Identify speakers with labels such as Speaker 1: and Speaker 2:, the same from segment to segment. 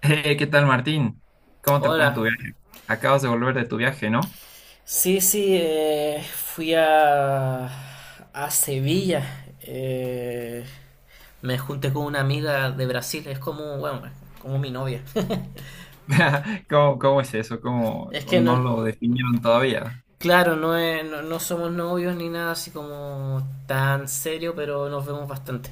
Speaker 1: Hey, ¿qué tal, Martín? ¿Cómo te fue en tu
Speaker 2: Hola.
Speaker 1: viaje? Acabas de volver de tu viaje, ¿no?
Speaker 2: Sí, sí, fui a Sevilla. Me junté con una amiga de Brasil, es como, bueno, como mi novia.
Speaker 1: ¿Cómo es eso? ¿Cómo
Speaker 2: Es que no.
Speaker 1: no lo definieron todavía?
Speaker 2: Claro, no, no, no somos novios ni nada así como tan serio, pero nos vemos bastante.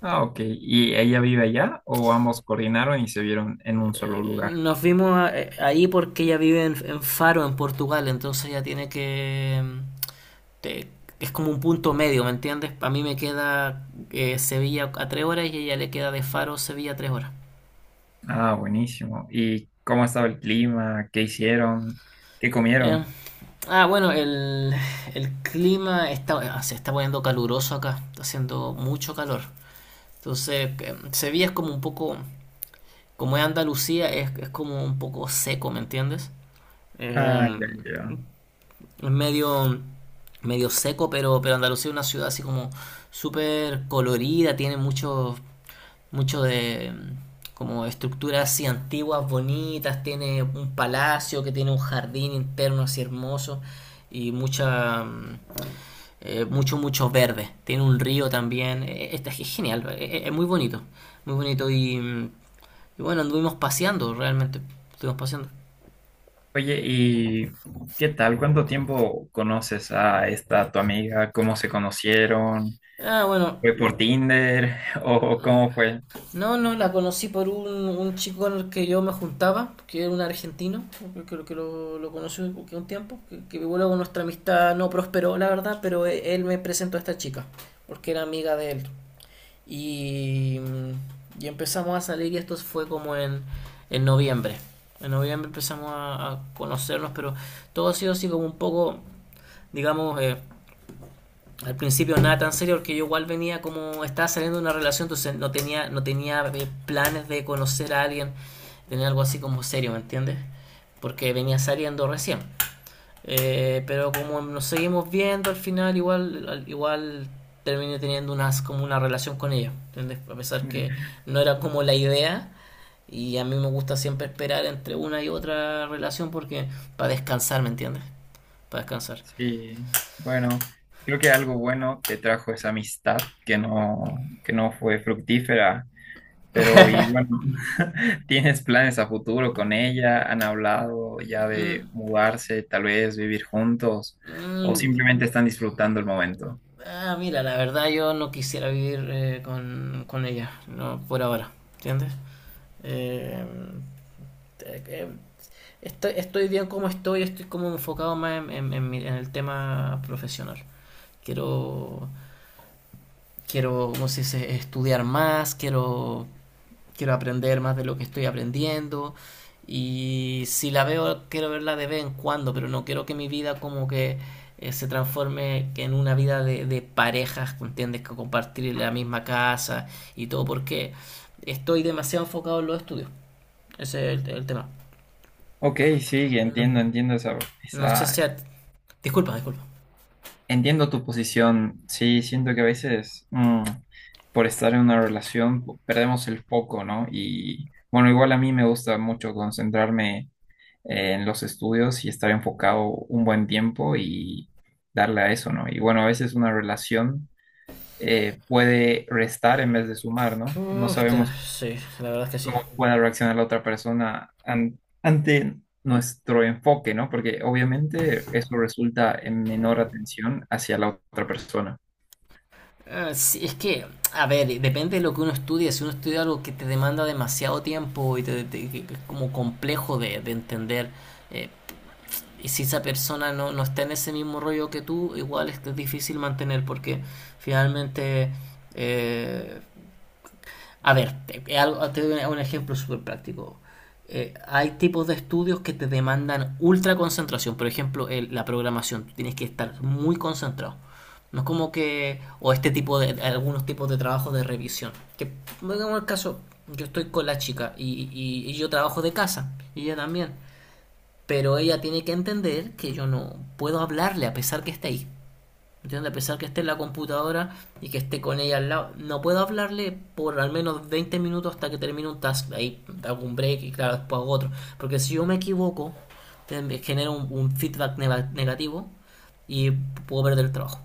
Speaker 1: Ah, ok. ¿Y ella vive allá o ambos coordinaron y se vieron en un solo lugar?
Speaker 2: Nos vimos ahí porque ella vive en Faro, en Portugal. Entonces ella tiene te- es como un punto medio, ¿me entiendes? A mí me queda Sevilla a 3 horas y a ella le queda de Faro Sevilla a 3 horas.
Speaker 1: Ah, buenísimo. ¿Y cómo estaba el clima? ¿Qué hicieron? ¿Qué
Speaker 2: Eh,
Speaker 1: comieron?
Speaker 2: bueno, el clima está, se está poniendo caluroso acá, está haciendo mucho calor. Entonces, Sevilla es como un poco, como es Andalucía, es como un poco seco, ¿me entiendes?
Speaker 1: Ah,
Speaker 2: Eh,
Speaker 1: ya, ya.
Speaker 2: es medio, medio seco, pero Andalucía es una ciudad así como súper colorida. Tiene mucho de como estructuras así antiguas, bonitas. Tiene un palacio que tiene un jardín interno así hermoso y mucho mucho verde. Tiene un río también. Es genial, es muy bonito y bueno, anduvimos paseando realmente, estuvimos paseando.
Speaker 1: Oye, ¿y qué tal? ¿Cuánto tiempo conoces a esta tu amiga? ¿Cómo se conocieron?
Speaker 2: Ah, bueno.
Speaker 1: ¿Fue por Tinder o cómo fue?
Speaker 2: No, no, la conocí por un chico con el que yo me juntaba, que era un argentino, que lo conocí un, que un tiempo, que luego nuestra amistad no prosperó, la verdad, pero él me presentó a esta chica, porque era amiga de él. Y, y empezamos a salir y esto fue como en noviembre. En noviembre empezamos a conocernos, pero todo ha sido así como un poco, digamos, al principio nada tan serio, porque yo igual venía como estaba saliendo de una relación. Entonces, no tenía planes de conocer a alguien, tenía algo así como serio, ¿me entiendes? Porque venía saliendo recién. Pero como nos seguimos viendo, al final, igual igual terminé teniendo unas como una relación con ella, ¿entiendes? A pesar que no era como la idea, y a mí me gusta siempre esperar entre una y otra relación, porque para descansar, ¿me entiendes? Para descansar.
Speaker 1: Sí, bueno, creo que algo bueno te trajo esa amistad que no fue fructífera, pero y bueno, ¿tienes planes a futuro con ella? ¿Han hablado ya de
Speaker 2: Mm,
Speaker 1: mudarse, tal vez vivir juntos, o
Speaker 2: mm.
Speaker 1: simplemente están disfrutando el momento?
Speaker 2: Ah, mira, la verdad, yo no quisiera vivir con ella, no, por ahora, ¿entiendes? Eh, eh, eh, estoy bien como estoy, estoy como enfocado más en el tema profesional. Quiero, quiero, ¿cómo se dice? Estudiar más, quiero aprender más de lo que estoy aprendiendo, y si la veo quiero verla de vez en cuando, pero no quiero que mi vida como que se transforme en una vida de parejas, ¿entiendes? Que compartir la misma casa y todo, porque estoy demasiado enfocado en los estudios. Ese es el tema.
Speaker 1: Ok, sí,
Speaker 2: No, no sé si, disculpa, disculpa.
Speaker 1: entiendo tu posición. Sí, siento que a veces por estar en una relación perdemos el foco, ¿no? Y bueno, igual a mí me gusta mucho concentrarme en los estudios y estar enfocado un buen tiempo y darle a eso, ¿no? Y bueno, a veces una relación puede restar en vez de sumar, ¿no? No
Speaker 2: Uf,
Speaker 1: sabemos
Speaker 2: sí, la verdad es que sí.
Speaker 1: cómo pueda reaccionar la otra persona ante nuestro enfoque, ¿no? Porque obviamente eso resulta en menor atención hacia la otra persona.
Speaker 2: Sí, es que, a ver, depende de lo que uno estudia. Si uno estudia algo que te demanda demasiado tiempo y que es como complejo de entender, eh, y si esa persona no, no está en ese mismo rollo que tú, igual es que es difícil mantener, porque finalmente, eh, a ver, te doy un ejemplo súper práctico. Hay tipos de estudios que te demandan ultra concentración. Por ejemplo, la programación. Tú tienes que estar muy concentrado. No es como que. O este tipo de. Algunos tipos de trabajos de revisión. Que, digamos, el caso, yo estoy con la chica, y yo trabajo de casa. Y ella también. Pero ella tiene que entender que yo no puedo hablarle a pesar que esté ahí. ¿Entiendes? A pesar que esté en la computadora y que esté con ella al lado, no puedo hablarle por al menos 20 minutos hasta que termine un task. Ahí hago un break y claro, después hago otro. Porque si yo me equivoco, genero un feedback negativo y puedo perder el trabajo.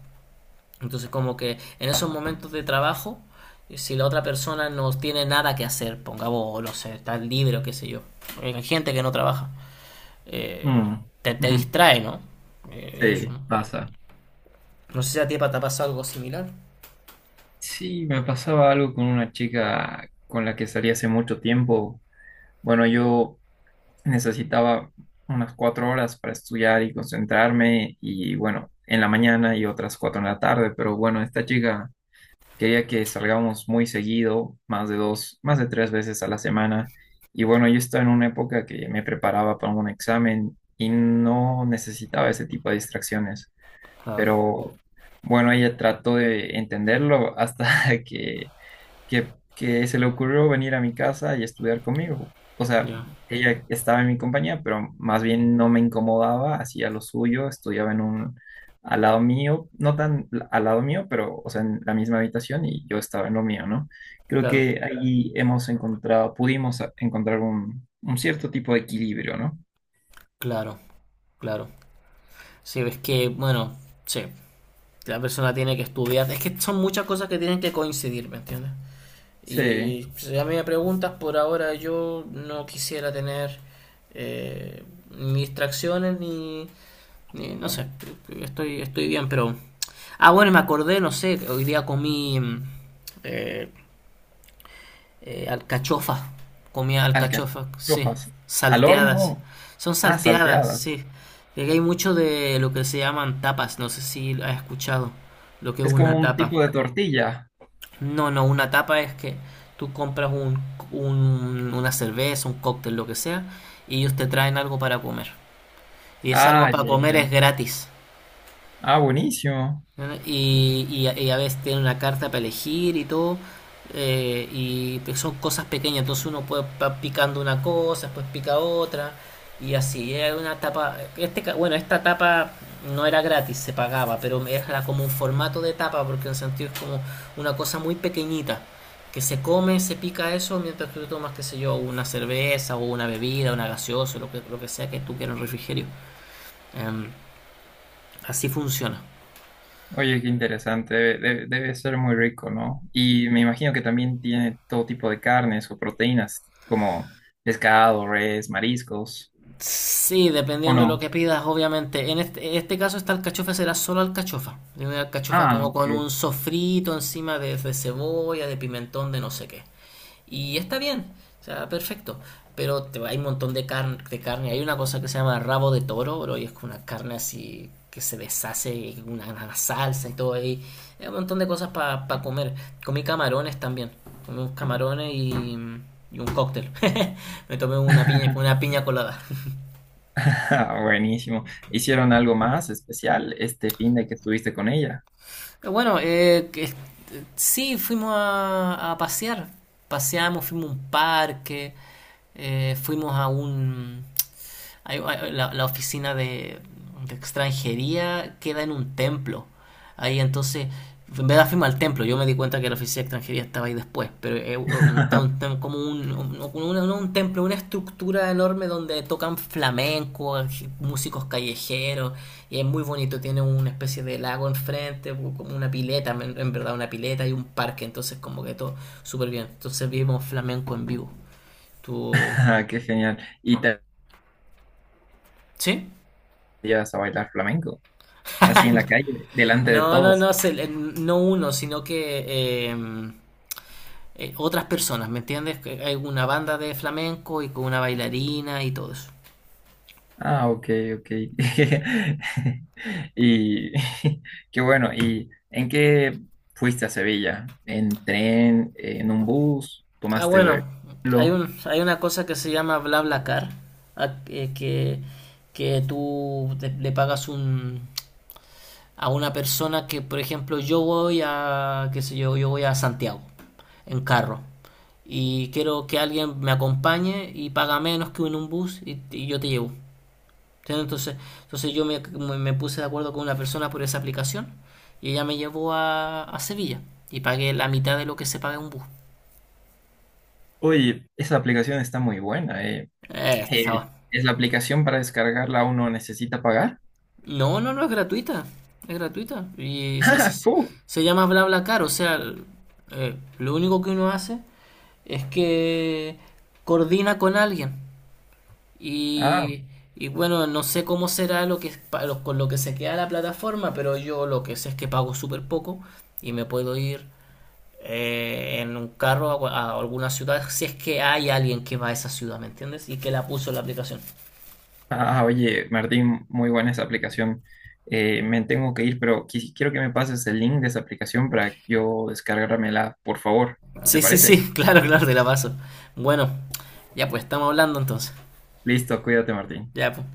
Speaker 2: Entonces, como que en esos momentos de trabajo, si la otra persona no tiene nada que hacer, pongamos, no sé, está libre o qué sé yo, hay gente que no trabaja, eh,
Speaker 1: Mm.
Speaker 2: te distrae, ¿no? Eso,
Speaker 1: Sí,
Speaker 2: ¿no?
Speaker 1: pasa.
Speaker 2: No sé si a ti, Pata, te pasa algo similar.
Speaker 1: Sí, me pasaba algo con una chica con la que salí hace mucho tiempo. Bueno, yo necesitaba unas cuatro horas para estudiar y concentrarme y bueno, en la mañana y otras cuatro en la tarde, pero bueno, esta chica quería que salgamos muy seguido, más de dos, más de tres veces a la semana y bueno, yo estaba en una época que me preparaba para un examen y no necesitaba ese tipo de distracciones,
Speaker 2: Ah,
Speaker 1: pero bueno, ella trató de entenderlo hasta que que se le ocurrió venir a mi casa y estudiar conmigo. O sea,
Speaker 2: ya.
Speaker 1: ella estaba en mi compañía, pero más bien no me incomodaba, hacía lo suyo, estudiaba en un, al lado mío, no tan al lado mío, pero, o sea, en la misma habitación y yo estaba en lo mío, ¿no? Creo
Speaker 2: Claro,
Speaker 1: que ahí hemos encontrado, pudimos encontrar un cierto tipo de equilibrio, ¿no?
Speaker 2: claro, claro. Sí, es que, bueno, sí, la persona tiene que estudiar. Es que son muchas cosas que tienen que coincidir, ¿me entiendes?
Speaker 1: Sí,
Speaker 2: Y si a mí me preguntas, por ahora yo no quisiera tener eh, ni distracciones, no sé, estoy bien, pero. Ah, bueno, me acordé, no sé, hoy día comí eh, alcachofas, comía alcachofas, sí,
Speaker 1: alcachofas. Al
Speaker 2: salteadas.
Speaker 1: horno,
Speaker 2: Son
Speaker 1: ah,
Speaker 2: salteadas,
Speaker 1: salteadas.
Speaker 2: sí. Y aquí hay mucho de lo que se llaman tapas, no sé si has escuchado lo que es
Speaker 1: Es como
Speaker 2: una
Speaker 1: un
Speaker 2: tapa.
Speaker 1: tipo de tortilla.
Speaker 2: No, no, una tapa es que tú compras una cerveza, un cóctel, lo que sea, y ellos te traen algo para comer. Y es algo
Speaker 1: Ah,
Speaker 2: para
Speaker 1: ya,
Speaker 2: comer
Speaker 1: ya,
Speaker 2: es
Speaker 1: ya.
Speaker 2: gratis.
Speaker 1: Ah, buenísimo.
Speaker 2: ¿No? Y a veces tiene una carta para elegir y todo. Son cosas pequeñas. Entonces, uno puede va picando una cosa, después pica otra. Y así, era una tapa. Este, bueno, esta tapa no era gratis, se pagaba, pero era como un formato de tapa, porque en el sentido es como una cosa muy pequeñita. Que se come, se pica eso, mientras que tú tomas, qué sé yo, una cerveza o una bebida, una gaseosa, lo que sea que tú quieras en el refrigerio. Em, así funciona.
Speaker 1: Oye, qué interesante, ser muy rico, ¿no? Y me imagino que también tiene todo tipo de carnes o proteínas, como pescado, res, mariscos,
Speaker 2: Sí,
Speaker 1: ¿o
Speaker 2: dependiendo de lo que
Speaker 1: no?
Speaker 2: pidas, obviamente. En este caso, esta alcachofa será solo alcachofa. Y una alcachofa
Speaker 1: Ah,
Speaker 2: como con
Speaker 1: ok.
Speaker 2: un sofrito encima de cebolla, de pimentón, de no sé qué. Y está bien, o sea, perfecto. Pero hay un montón de carne. Hay una cosa que se llama rabo de toro, bro, y es como una carne así que se deshace, y una salsa y todo ahí. Hay un montón de cosas para comer. Comí camarones también. Comí unos camarones y un cóctel. Me tomé una piña colada.
Speaker 1: Ah, buenísimo. ¿Hicieron algo más especial este fin de que estuviste con ella?
Speaker 2: Bueno, sí, fuimos a pasear. Paseamos, fuimos a un parque. Eh, fuimos a un, hay- hay- la, la oficina de extranjería queda en un templo. Ahí, entonces, en vez de afirmar el templo, yo me di cuenta que la oficina de extranjería estaba ahí después, pero es como un templo, una estructura enorme donde tocan flamenco, músicos callejeros, y es muy bonito, tiene una especie de lago enfrente, como una pileta, en verdad una pileta y un parque. Entonces, como que todo súper bien. Entonces vimos flamenco en vivo. ¿Tú?
Speaker 1: Ah, qué genial. ¿Y te
Speaker 2: ¿Sí?
Speaker 1: llevas a bailar flamenco? Así en la calle, delante de
Speaker 2: No, no,
Speaker 1: todos.
Speaker 2: no, no uno, sino que otras personas, ¿me entiendes? Que hay una banda de flamenco y con una bailarina y todo eso.
Speaker 1: Ah, ok, ok. Y qué bueno. ¿Y en qué fuiste a Sevilla? ¿En tren? ¿En un bus?
Speaker 2: Ah,
Speaker 1: ¿Tomaste
Speaker 2: bueno,
Speaker 1: vuelo?
Speaker 2: hay una cosa que se llama BlaBlaCar, a- eh, que, que tú le pagas a una persona que, por ejemplo, qué sé yo, yo voy a Santiago en carro y quiero que alguien me acompañe y paga menos que en un bus, y yo te llevo. Entonces, entonces, yo puse de acuerdo con una persona por esa aplicación, y ella me llevó a Sevilla y pagué la mitad de lo que se paga en un bus.
Speaker 1: Oye, esa aplicación está muy buena.
Speaker 2: Eh,
Speaker 1: ¿Es la aplicación para descargarla uno necesita pagar?
Speaker 2: No, no, no es gratuita. Es gratuita. Y
Speaker 1: Ah, fu.
Speaker 2: se llama BlaBlaCar. O sea, lo único que uno hace es que coordina con alguien.
Speaker 1: Ah,
Speaker 2: Y, y bueno, no sé cómo será lo que, pa- lo- con lo que se queda la plataforma, pero yo lo que sé es que pago súper poco y me puedo ir en un carro a alguna ciudad, si es que hay alguien que va a esa ciudad, ¿me entiendes? Y que la puso en la aplicación.
Speaker 1: ah, oye, Martín, muy buena esa aplicación. Me tengo que ir, pero quiero que me pases el link de esa aplicación para yo descargármela, por favor. ¿Te
Speaker 2: Sí, sí,
Speaker 1: parece?
Speaker 2: sí, claro, claro, te la paso. Bueno, ya pues estamos hablando entonces.
Speaker 1: Listo, cuídate, Martín.
Speaker 2: Ya pues.